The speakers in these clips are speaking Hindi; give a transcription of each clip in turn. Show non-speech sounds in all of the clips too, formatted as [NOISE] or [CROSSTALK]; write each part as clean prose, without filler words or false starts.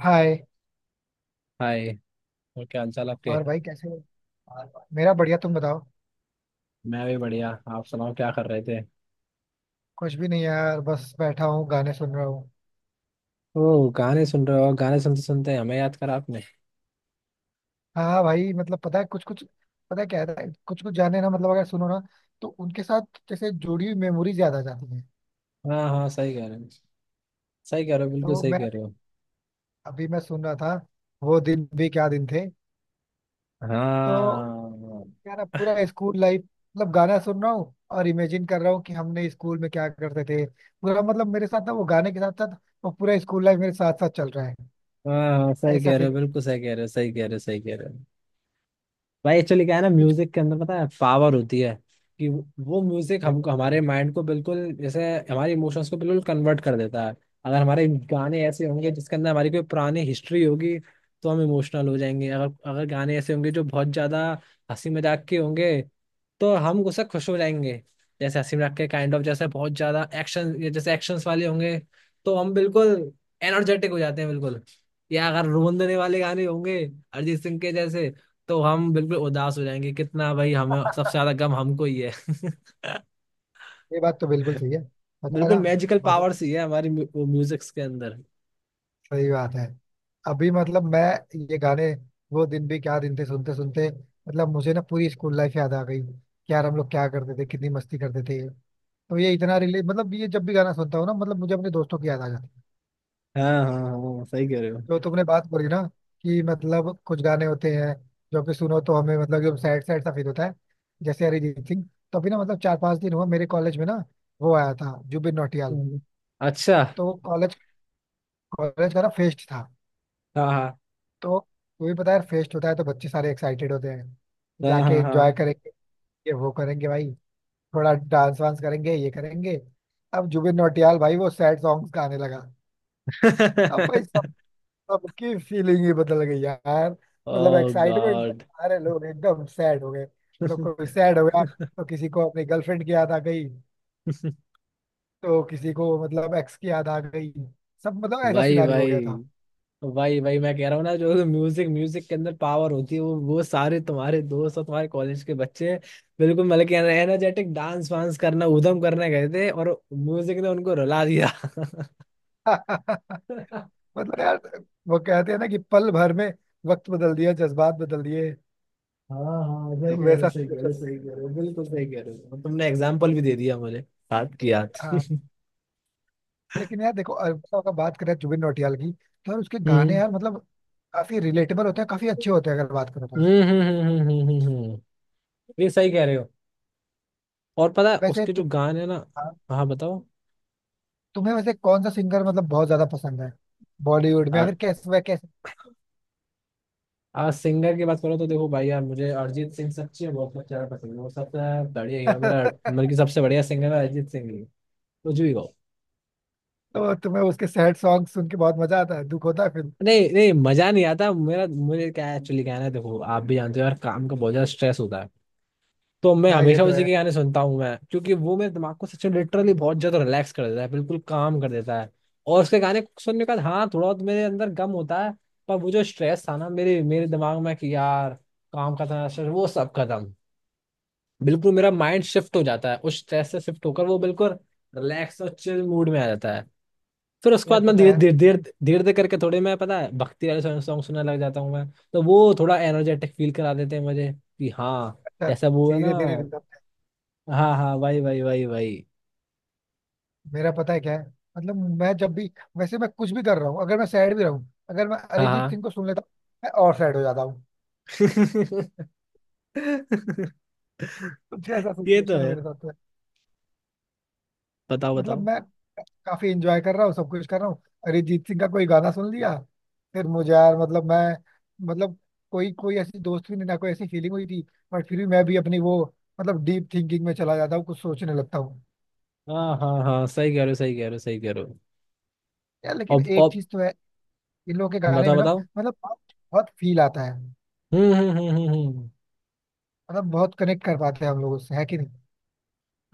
हाय। हाय। और क्या हाल चाल आपके। और भाई कैसे हो? मेरा बढ़िया, तुम बताओ। मैं भी बढ़िया। आप सुनाओ क्या कर रहे थे। कुछ भी नहीं यार, बस बैठा हूँ गाने सुन रहा हूँ। ओ गाने सुन रहे हो, और गाने सुनते सुनते हमें याद करा आपने। हाँ हाँ भाई, मतलब पता है कुछ कुछ। पता है क्या है, कुछ कुछ गाने ना, मतलब अगर सुनो ना तो उनके साथ जैसे जुड़ी हुई मेमोरी ज्यादा आ जाती है। हाँ हाँ, सही कह रहे हो, सही कह रहे हो, बिल्कुल तो सही मैं कह अभी, रहे हो। अभी मैं सुन रहा था, वो दिन भी क्या दिन थे। तो हाँ यार, अब पूरा स्कूल लाइफ, मतलब गाना सुन रहा हूँ और इमेजिन कर रहा हूँ कि हमने स्कूल में क्या करते थे। पूरा मतलब मेरे साथ ना, वो गाने के साथ साथ वो पूरा स्कूल लाइफ मेरे साथ साथ चल रहा है। हाँ हाँ, सही ऐसा कह रहे फील। हो, बिल्कुल सही कह रहे हो, सही कह रहे हो, सही कह रहे हो। भाई एक्चुअली क्या है ना, म्यूजिक के अंदर पता है पावर होती है कि वो म्यूजिक कुछ। हमको, हमारे माइंड को बिल्कुल जैसे हमारे इमोशंस को बिल्कुल कन्वर्ट कर देता है। अगर हमारे गाने ऐसे होंगे जिसके अंदर हमारी कोई पुरानी हिस्ट्री होगी तो हम इमोशनल हो जाएंगे। अगर अगर गाने ऐसे होंगे जो बहुत ज्यादा हंसी मजाक के होंगे तो हम उससे खुश हो जाएंगे। जैसे हंसी मजाक के काइंड ऑफ, जैसे बहुत ज्यादा एक्शन, जैसे एक्शंस वाले होंगे तो हम बिल्कुल एनर्जेटिक हो जाते हैं बिल्कुल। या अगर रोन देने वाले गाने होंगे अरिजीत सिंह के जैसे, तो हम बिल्कुल उदास हो जाएंगे। कितना भाई, हमें सबसे ज्यादा गम हमको ही है। ये बात तो बिल्कुल [LAUGHS] सही है। पता है बिल्कुल ना। मैजिकल मतलब पावर्स ही है हमारी म्यूजिक्स के अंदर। सही बात है। अभी मतलब मैं ये गाने, वो दिन भी क्या दिन थे, सुनते सुनते, मतलब मुझे ना पूरी स्कूल लाइफ याद आ गई कि यार हम लोग क्या करते थे, कितनी मस्ती करते थे। तो ये इतना रिले, मतलब ये जब भी गाना सुनता हूँ ना, मतलब मुझे अपने दोस्तों की याद आ जाती है। हाँ हाँ हाँ, सही कह रहे हो। तो तुमने बात बोली ना कि मतलब कुछ गाने होते हैं जो कि सुनो तो हमें मतलब एकदम सैड सैड सा फील होता है, जैसे अरिजीत सिंह। तो अभी ना मतलब 4 5 दिन हुआ मेरे कॉलेज में ना, वो आया था जुबिन नौटियाल। हम्म। अच्छा। तो कॉलेज कॉलेज का ना फेस्ट था। हाँ हाँ तो वही पता है यार, फेस्ट होता है तो बच्चे सारे एक्साइटेड होते हैं, हाँ जाके हाँ एंजॉय हाँ। करेंगे, ये वो करेंगे भाई, थोड़ा डांस वांस करेंगे, ये करेंगे। अब जुबिन नौटियाल भाई वो सैड सॉन्ग्स गाने लगा। अब भाई सब सबकी फीलिंग ही बदल गई यार। [LAUGHS] मतलब ओ एक्साइटमेंट से गॉड। सारे लोग एकदम सैड हो गए। मतलब कोई सैड हो गया तो किसी को अपनी गर्लफ्रेंड की याद आ गई, तो किसी को मतलब एक्स की याद आ गई। सब मतलब [LAUGHS] ऐसा भाई सिनारी हो गया भाई, वही वही मैं कह रहा हूँ ना, जो म्यूजिक म्यूजिक के अंदर पावर होती है वो, सारे तुम्हारे दोस्त और तुम्हारे कॉलेज के बच्चे बिल्कुल, मतलब कि एनर्जेटिक डांस वांस करना, ऊधम करने गए थे और म्यूजिक ने उनको रुला दिया। था। [LAUGHS] [LAUGHS] मतलब यार वो कहते हैं ना कि पल भर में वक्त बदल दिया, जज्बात बदल दिए। हाँ हाँ, सही तो कह रहे हो, वैसा सही कह रहे सिचुएशन हो, हो सही कह रहे हो, बिल्कुल सही कह रहे हो, और तुमने एग्जाम्पल भी दे दिया मुझे याद की याद। गया। हाँ लेकिन यार देखो, अगर अगर बात करें जुबिन नौटियाल की, तो यार उसके गाने हम्म यार मतलब काफी रिलेटेबल होते हैं, काफी अच्छे होते हैं अगर बात करो तो। हम्म हम्म हम्म हम्म हम्म, हम्म, हम्म। ये सही कह रहे हो। और पता है वैसे उसके तु, जो गाने ना। हाँ, हाँ बताओ। तुम्हें वैसे कौन सा सिंगर मतलब बहुत ज्यादा पसंद है? बॉलीवुड में या फिर कैसे, वह कैसे? आज सिंगर की बात करो तो देखो भाई, यार मुझे अरिजीत सिंह सच्ची में बहुत ज्यादा पसंद है। वो सबसे बढ़िया हीरो मेरा, मतलब [LAUGHS] कि सबसे बढ़िया सिंगर है अरिजीत सिंह ही, कुछ भी कहो। तो तुम्हें उसके सैड सॉन्ग सुन के बहुत मजा आता है? दुख होता है फिर? नहीं नहीं, मजा नहीं आता मेरा। मुझे क्या एक्चुअली कहना है, देखो आप भी जानते हो यार, काम का बहुत ज्यादा स्ट्रेस होता है, तो मैं हाँ ये हमेशा तो उसी है के गाने सुनता हूँ मैं, क्योंकि वो मेरे दिमाग को सच में लिटरली बहुत ज्यादा रिलैक्स कर देता है, बिल्कुल काम कर देता है। और उसके गाने सुनने के बाद हाँ थोड़ा बहुत मेरे अंदर गम होता है, पर वो जो स्ट्रेस था ना मेरे मेरे दिमाग में कि यार, काम का था stress, वो सब खत्म। बिल्कुल मेरा माइंड शिफ्ट हो जाता है, उस स्ट्रेस से शिफ्ट होकर वो बिल्कुल रिलैक्स और चिल मूड में आ जाता है। फिर उसके बाद यार। मैं पता धीरे है। धीरे धीरे धीरे धीरे करके थोड़े, मैं पता है भक्ति वाले सॉन्ग सुनने लग जाता हूँ मैं, तो वो थोड़ा एनर्जेटिक फील करा देते हैं मुझे कि हाँ, अच्छा जैसा वो है ना। धीरे धीरे। हाँ हाँ, वही वही वही वही। मेरा पता है क्या है, मतलब मैं जब भी, वैसे मैं कुछ भी कर रहा हूँ, अगर मैं सैड भी रहूँ, अगर मैं हाँ अरिजीत हाँ। सिंह को सुन लेता हूँ, मैं और सैड हो जाता हूँ। [LAUGHS] कुछ ऐसा ये तो सिचुएशन है। मेरे साथ है। बताओ मतलब बताओ। मैं काफी इंजॉय कर रहा हूँ, सब कुछ कर रहा हूँ, अरिजीत सिंह का कोई गाना सुन लिया, फिर मुझे यार मतलब मैं, मतलब कोई कोई ऐसी दोस्ती नहीं ना, कोई ऐसी फीलिंग हुई थी, बट फिर भी मैं भी अपनी वो मतलब डीप थिंकिंग में चला जाता हूँ, कुछ सोचने लगता हूँ। हाँ हाँ हाँ, सही कह रहे हो, सही कह रहे हो, सही कह रहे हो। यार लेकिन एक अब चीज तो है इन लोगों के गाने बताओ में ना, बताओ। मतलब बहुत फील आता है। हम्म हम्म हम्म हम्म हम्म। मतलब बहुत कनेक्ट कर पाते हैं हम लोग उससे, है कि नहीं?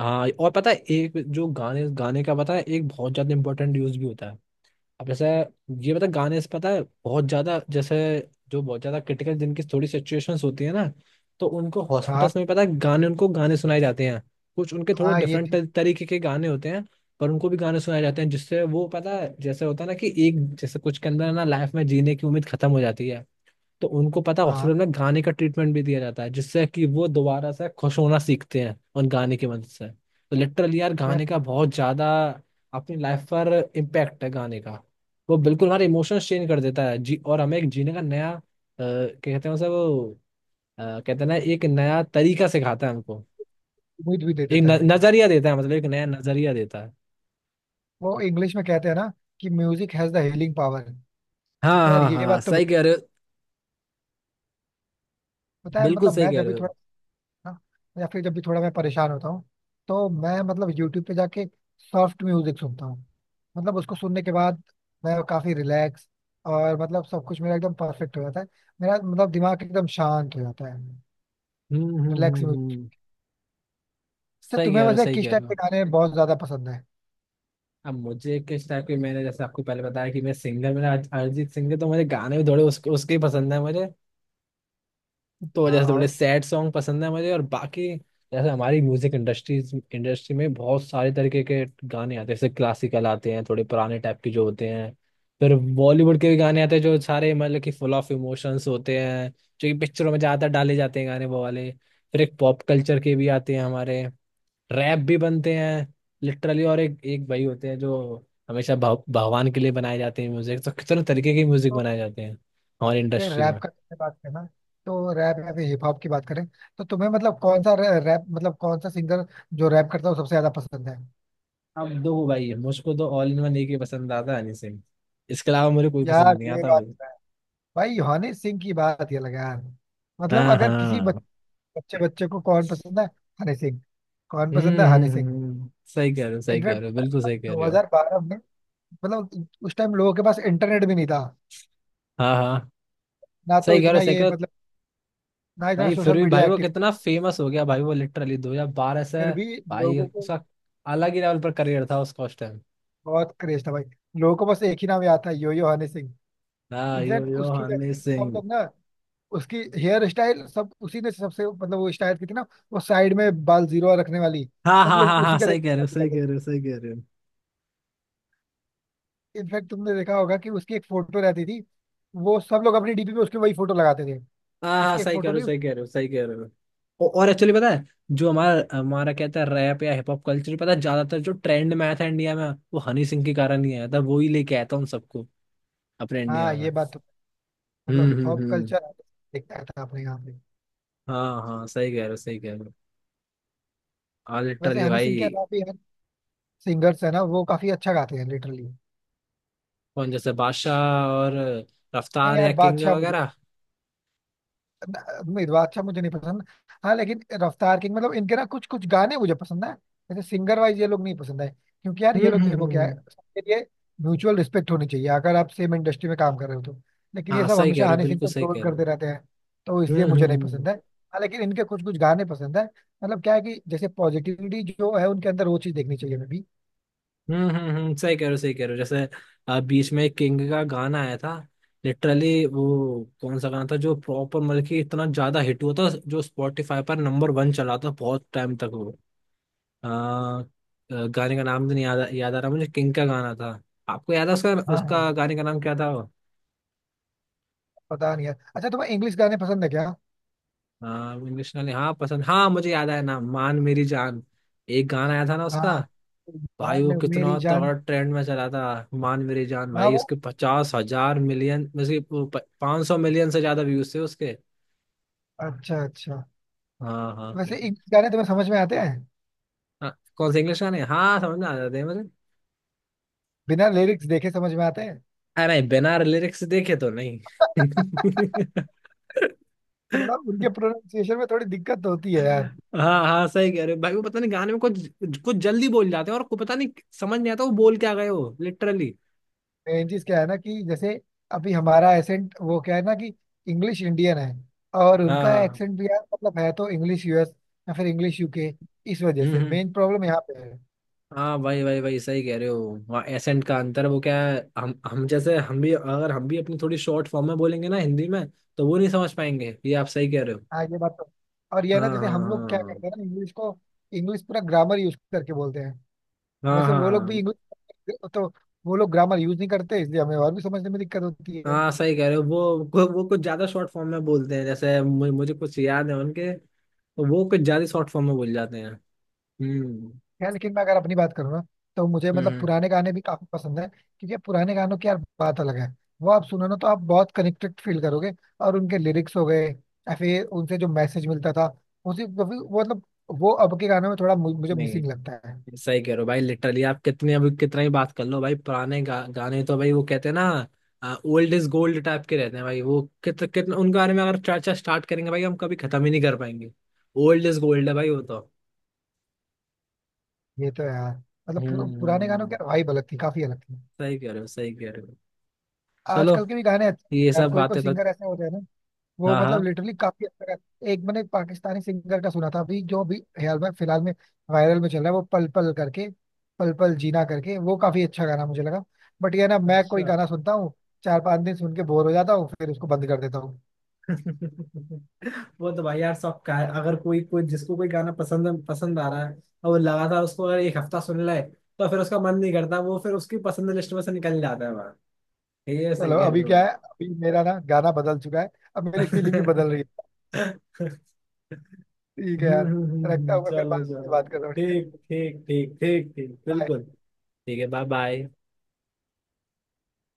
हाँ, और पता है एक जो गाने गाने का पता है एक बहुत ज्यादा इंपॉर्टेंट यूज भी होता है। अब जैसे ये पता है, गाने से पता है बहुत ज्यादा जैसे, जो बहुत ज्यादा क्रिटिकल जिनकी थोड़ी सिचुएशंस होती है ना, तो उनको हाँ हॉस्पिटल्स में पता है गाने, उनको गाने सुनाए जाते हैं। कुछ उनके थोड़े हाँ ये डिफरेंट थी। तरीके के गाने होते हैं, पर उनको भी गाने सुनाए जाते हैं जिससे वो पता है, जैसे होता है ना कि एक जैसे कुछ के अंदर ना लाइफ में जीने की उम्मीद खत्म हो जाती है, तो उनको पता है हाँ हॉस्पिटल में गाने का ट्रीटमेंट भी दिया जाता है, जिससे कि वो दोबारा से खुश होना सीखते हैं उन गाने की मदद से। तो लिटरली यार यार गाने का बहुत ज्यादा अपनी लाइफ पर इम्पैक्ट है गाने का। वो बिल्कुल हमारे इमोशंस चेंज कर देता है जी, और हमें एक जीने का नया क्या कहते हैं उसे वो, कहते हैं ना, एक नया तरीका सिखाता है हमको। उम्मीद भी दे एक देता है न, भाई। नजरिया देता है, मतलब एक नया नजरिया देता है। वो इंग्लिश में कहते हैं ना कि music has the healing power. तो हाँ यार हाँ ये हाँ, बात तो सही बिल-, कह रहे हो, पता है बिल्कुल मतलब सही मैं कह जब रहे भी हो। थोड़ा ना, या फिर जब भी थोड़ा मैं परेशान होता हूँ, तो मैं मतलब यूट्यूब पे जाके सॉफ्ट म्यूजिक सुनता हूँ। मतलब उसको सुनने के बाद मैं काफी रिलैक्स, और मतलब सब कुछ मेरा एकदम परफेक्ट हो जाता है, मेरा मतलब दिमाग एकदम शांत हो जाता है। Relax music. हम्म, तो सही तुम्हें कह रहे हो, वैसे सही किस कह टाइप रहे के हो। गाने बहुत ज्यादा पसंद है? अब मुझे किस टाइप की, मैंने जैसे आपको पहले बताया कि मैं सिंगर मेरा अरिजीत सिंह है, तो मुझे गाने भी थोड़े उसके उसके ही पसंद है मुझे। तो हाँ जैसे थोड़े और सैड सॉन्ग पसंद है मुझे और बाकी, जैसे हमारी म्यूजिक इंडस्ट्री इंडस्ट्री में बहुत सारे तरीके के गाने आते हैं। जैसे क्लासिकल आते हैं, थोड़े पुराने टाइप के जो होते हैं, फिर बॉलीवुड के भी गाने आते हैं जो सारे मतलब कि फुल ऑफ इमोशंस होते हैं, जो कि पिक्चरों में ज़्यादातर डाले जाते हैं गाने वो वाले। फिर एक पॉप कल्चर के भी आते हैं हमारे, रैप भी बनते हैं लिटरली, और एक एक भाई होते हैं जो हमेशा भगवान के लिए बनाए जाते हैं म्यूजिक। तो कितने तरीके के म्यूजिक बनाए जाते हैं हमारी अगर इंडस्ट्री रैप में। का तुमने बात करना, तो रैप या फिर हिप हॉप की बात करें, तो तुम्हें मतलब कौन सा रैप, मतलब कौन सा सिंगर जो रैप करता है वो सबसे ज्यादा पसंद है? अब दो भाई है मुझको, तो ऑल इन वन एक ही पसंद आता है, हनी सिंह। इसके अलावा मुझे कोई यार पसंद नहीं ये आता बात भाई। तो है। भाई हनी सिंह की बात ये लगा यार, मतलब हाँ अगर किसी बच-, हाँ। बच्चे बच्चे को कौन पसंद है? हनी सिंह। कौन पसंद है? हनी सिंह। हम्म, सही कह रहे हो, सही कह इनफैक्ट रहे हो, बिल्कुल सही कह रहे हो। 2012 में, मतलब उस टाइम लोगों के पास इंटरनेट भी नहीं था हाँ हाँ, ना, तो सही कह रहे हो, इतना सही कह ये रहे हो। मतलब ना इतना भाई फिर सोशल भी भाई मीडिया वो एक्टिव था। कितना फेमस हो गया भाई, वो लिटरली 2012 से फिर भी भाई लोगों को उसका अलग ही लेवल पर करियर था उसका उस टाइम। बहुत क्रेज था भाई। लोगों को बस एक ही नाम याद था, यो यो हनी सिंह। हाँ, यो एग्जैक्ट यो उसकी हनी सब सिंह। लोग ना, उसकी हेयर स्टाइल, सब उसी ने सबसे, मतलब वो स्टाइल की थी ना, वो साइड में बाल जीरो रखने वाली। हाँ सब हाँ लोग हाँ उसी हाँ, का सही कह रहे देखना हो, copy सही कह करते रहे हो, सही कह रहे हो। थे। इनफैक्ट तुमने देखा होगा कि उसकी एक फोटो रहती थी, वो सब लोग अपनी डीपी पे उसकी वही फोटो लगाते थे। हाँ हाँ, उसकी एक सही कह फोटो रहे हो, नहीं। सही कह रहे हो, सही कह रहे हो। और एक्चुअली पता है, जो हमारा हमारा कहता है रैप या हिप हॉप कल्चर, पता है ज्यादातर जो ट्रेंड में आया था इंडिया में, वो हनी सिंह के कारण ही आया था, वो ही लेके आया था उन सबको अपने इंडिया हाँ में। ये बात तो। मतलब हिप हॉप हम्म। कल्चर देखता था अपने यहाँ पे। हाँ हाँ, सही कह रहे हो, सही कह रहे हो। हाँ वैसे लिटरली हनी सिंह के भाई। अलावा भी यार सिंगर्स है ना, वो काफी अच्छा गाते हैं लिटरली। कौन, जैसे बादशाह और नहीं रफ्तार यार, या किंग बादशाह मुझे, वगैरह। मिर्वा अच्छा मुझे नहीं पसंद। हाँ लेकिन रफ्तार किंग, मतलब इनके ना कुछ कुछ गाने मुझे पसंद है। जैसे सिंगर वाइज ये लोग नहीं पसंद है, क्योंकि यार हम्म ये लोग, हम्म देखो हम्म क्या है, हम्म। सबके लिए म्यूचुअल रिस्पेक्ट होनी चाहिए अगर आप सेम इंडस्ट्री में काम कर रहे हो तो। लेकिन ये हाँ, सब सही कह हमेशा रहे हो, हनी सिंह बिल्कुल को सही ट्रोल कह रहे करते हो। रहते हैं, तो हम्म इसलिए मुझे हम्म नहीं हम्म पसंद है। हाँ लेकिन इनके कुछ कुछ गाने पसंद है। मतलब क्या है कि जैसे पॉजिटिविटी जो है उनके अंदर, वो चीज देखनी चाहिए हमें भी। सही कह रहे हो, सही कह रहे हो। जैसे बीच में एक किंग का गाना आया था लिटरली। वो कौन सा गाना था जो प्रॉपर मतलब कि इतना ज्यादा हिट हुआ था, जो स्पॉटिफाई पर नंबर वन चला था बहुत टाइम तक वो। अ, अ, गाने का नाम तो नहीं याद, याद आ रहा मुझे किंग का गाना था। आपको याद है उसका, हाँ हाँ। गाने का नाम क्या था वो। पता नहीं यार। अच्छा तुम्हें इंग्लिश गाने पसंद है क्या? इंग्लिश नाम, हाँ पसंद। हाँ मुझे याद आया नाम, मान मेरी जान। एक गाना आया था ना उसका। हाँ भाई बाद वो में मेरी कितना जान। तगड़ा ट्रेंड में चला था। मान मेरी जान हाँ भाई, वो, उसके 50,000 मिलियन में से 500 मिलियन से ज्यादा व्यूज थे उसके। अच्छा अच्छा। हाँ हाँ। वैसे इंग्लिश गाने तुम्हें समझ में आते हैं? हाँ कौन सा इंग्लिश गाने, हाँ समझ में आ जाते हैं मुझे। बिना लिरिक्स देखे समझ में आते हैं? अरे बिना लिरिक्स देखे तो नहीं। [LAUGHS] [LAUGHS] थोड़ा उनके प्रोनाउंसिएशन में थोड़ी दिक्कत तो होती है यार। हाँ हाँ, सही कह रहे हो भाई। वो पता नहीं गाने में कुछ कुछ जल्दी बोल जाते हैं और को पता नहीं, समझ नहीं आता वो बोल क्या गए हो लिटरली। मेन चीज क्या है ना कि जैसे अभी हमारा एसेंट, वो क्या है ना कि इंग्लिश इंडियन है, और हाँ उनका हाँ। एक्सेंट भी यार मतलब है तो इंग्लिश यूएस या फिर इंग्लिश यूके, इस वजह से हम्म। मेन प्रॉब्लम यहाँ पे है। हाँ भाई भाई भाई, सही कह रहे हो। वहाँ एसेंट का अंतर वो क्या है, हम जैसे हम भी, अगर हम भी अपनी थोड़ी शॉर्ट फॉर्म में बोलेंगे ना हिंदी में, तो वो नहीं समझ पाएंगे, ये आप सही कह रहे हो। हाँ ये बात तो, और ये है हाँ ना जैसे हम लोग क्या हाँ करते हैं ना इंग्लिश को, इंग्लिश पूरा ग्रामर यूज करके बोलते हैं। हाँ वैसे हाँ वो हाँ लोग भी हाँ। इंग्लिश तो, वो लोग ग्रामर यूज नहीं करते, इसलिए हमें और भी समझने में दिक्कत होती है। हाँ सही कह रहे हो, वो कुछ ज्यादा शॉर्ट फॉर्म में बोलते हैं, जैसे मुझे कुछ याद है उनके, तो वो कुछ ज्यादा शॉर्ट फॉर्म में बोल जाते हैं। हम्म यार लेकिन मैं अगर अपनी बात करूँ ना, तो मुझे हम्म मतलब हम्म, पुराने गाने भी काफी पसंद है, क्योंकि पुराने गानों की यार बात अलग है। वो आप सुनो ना, तो आप बहुत कनेक्टेड फील करोगे। और उनके लिरिक्स हो गए या फिर उनसे जो मैसेज मिलता था, उसी वो भी-, वो मतलब वो अब के गानों में थोड़ा मु-, मुझे मिसिंग नहीं लगता है। सही कह रहे हो भाई लिटरली, आप कितने अभी कितना ही बात कर लो भाई, पुराने गाने तो भाई वो कहते हैं ना ओल्ड इज गोल्ड टाइप के रहते हैं भाई, वो कितने कितने उनके बारे में अगर चर्चा स्टार्ट करेंगे भाई, हम कभी खत्म ही नहीं कर पाएंगे। ओल्ड इज गोल्ड है भाई वो तो। ये तो है यार। मतलब पुर-, हम्म पुराने गानों की हम्म। वाइब अलग थी, काफी अलग थी। सही कह रहे हो, सही कह रहे हो। चलो, आजकल के भी गाने अच्छे हैं ये यार, सब कोई कोई बातें तो। सिंगर ऐसे होते हैं ना, वो हाँ मतलब हाँ। लिटरली काफी अच्छा गा-, एक मैंने पाकिस्तानी सिंगर का सुना था, अभी जो अभी हाल में फिलहाल में वायरल में चल रहा है, वो पल पल करके, पल पल जीना करके, वो काफी अच्छा गाना मुझे लगा। बट ये ना, मैं कोई अच्छा। गाना सुनता हूँ, 4 5 दिन सुन के बोर हो जाता हूँ, फिर उसको बंद कर देता हूँ। [LAUGHS] वो तो भाई यार सब का है। अगर कोई कोई जिसको कोई गाना पसंद पसंद आ रहा है, और वो लगातार उसको अगर एक हफ्ता सुन ले, तो फिर उसका मन नहीं करता, वो फिर उसकी पसंद लिस्ट में से निकल जाता है। ये सही चलो कह रहे अभी हो क्या भाई। है, अभी मेरा ना गाना बदल चुका है, अब मेरी फीलिंग भी बदल रही है। [LAUGHS] ठीक है यार, रखता हूँ मैं, फिर चलो बाद में चलो। बात कर रहा हूँ, ठीक है? ठीक ठीक ठीक ठीक ठीक, Bye. बिल्कुल। ठीक है, बाय बाय।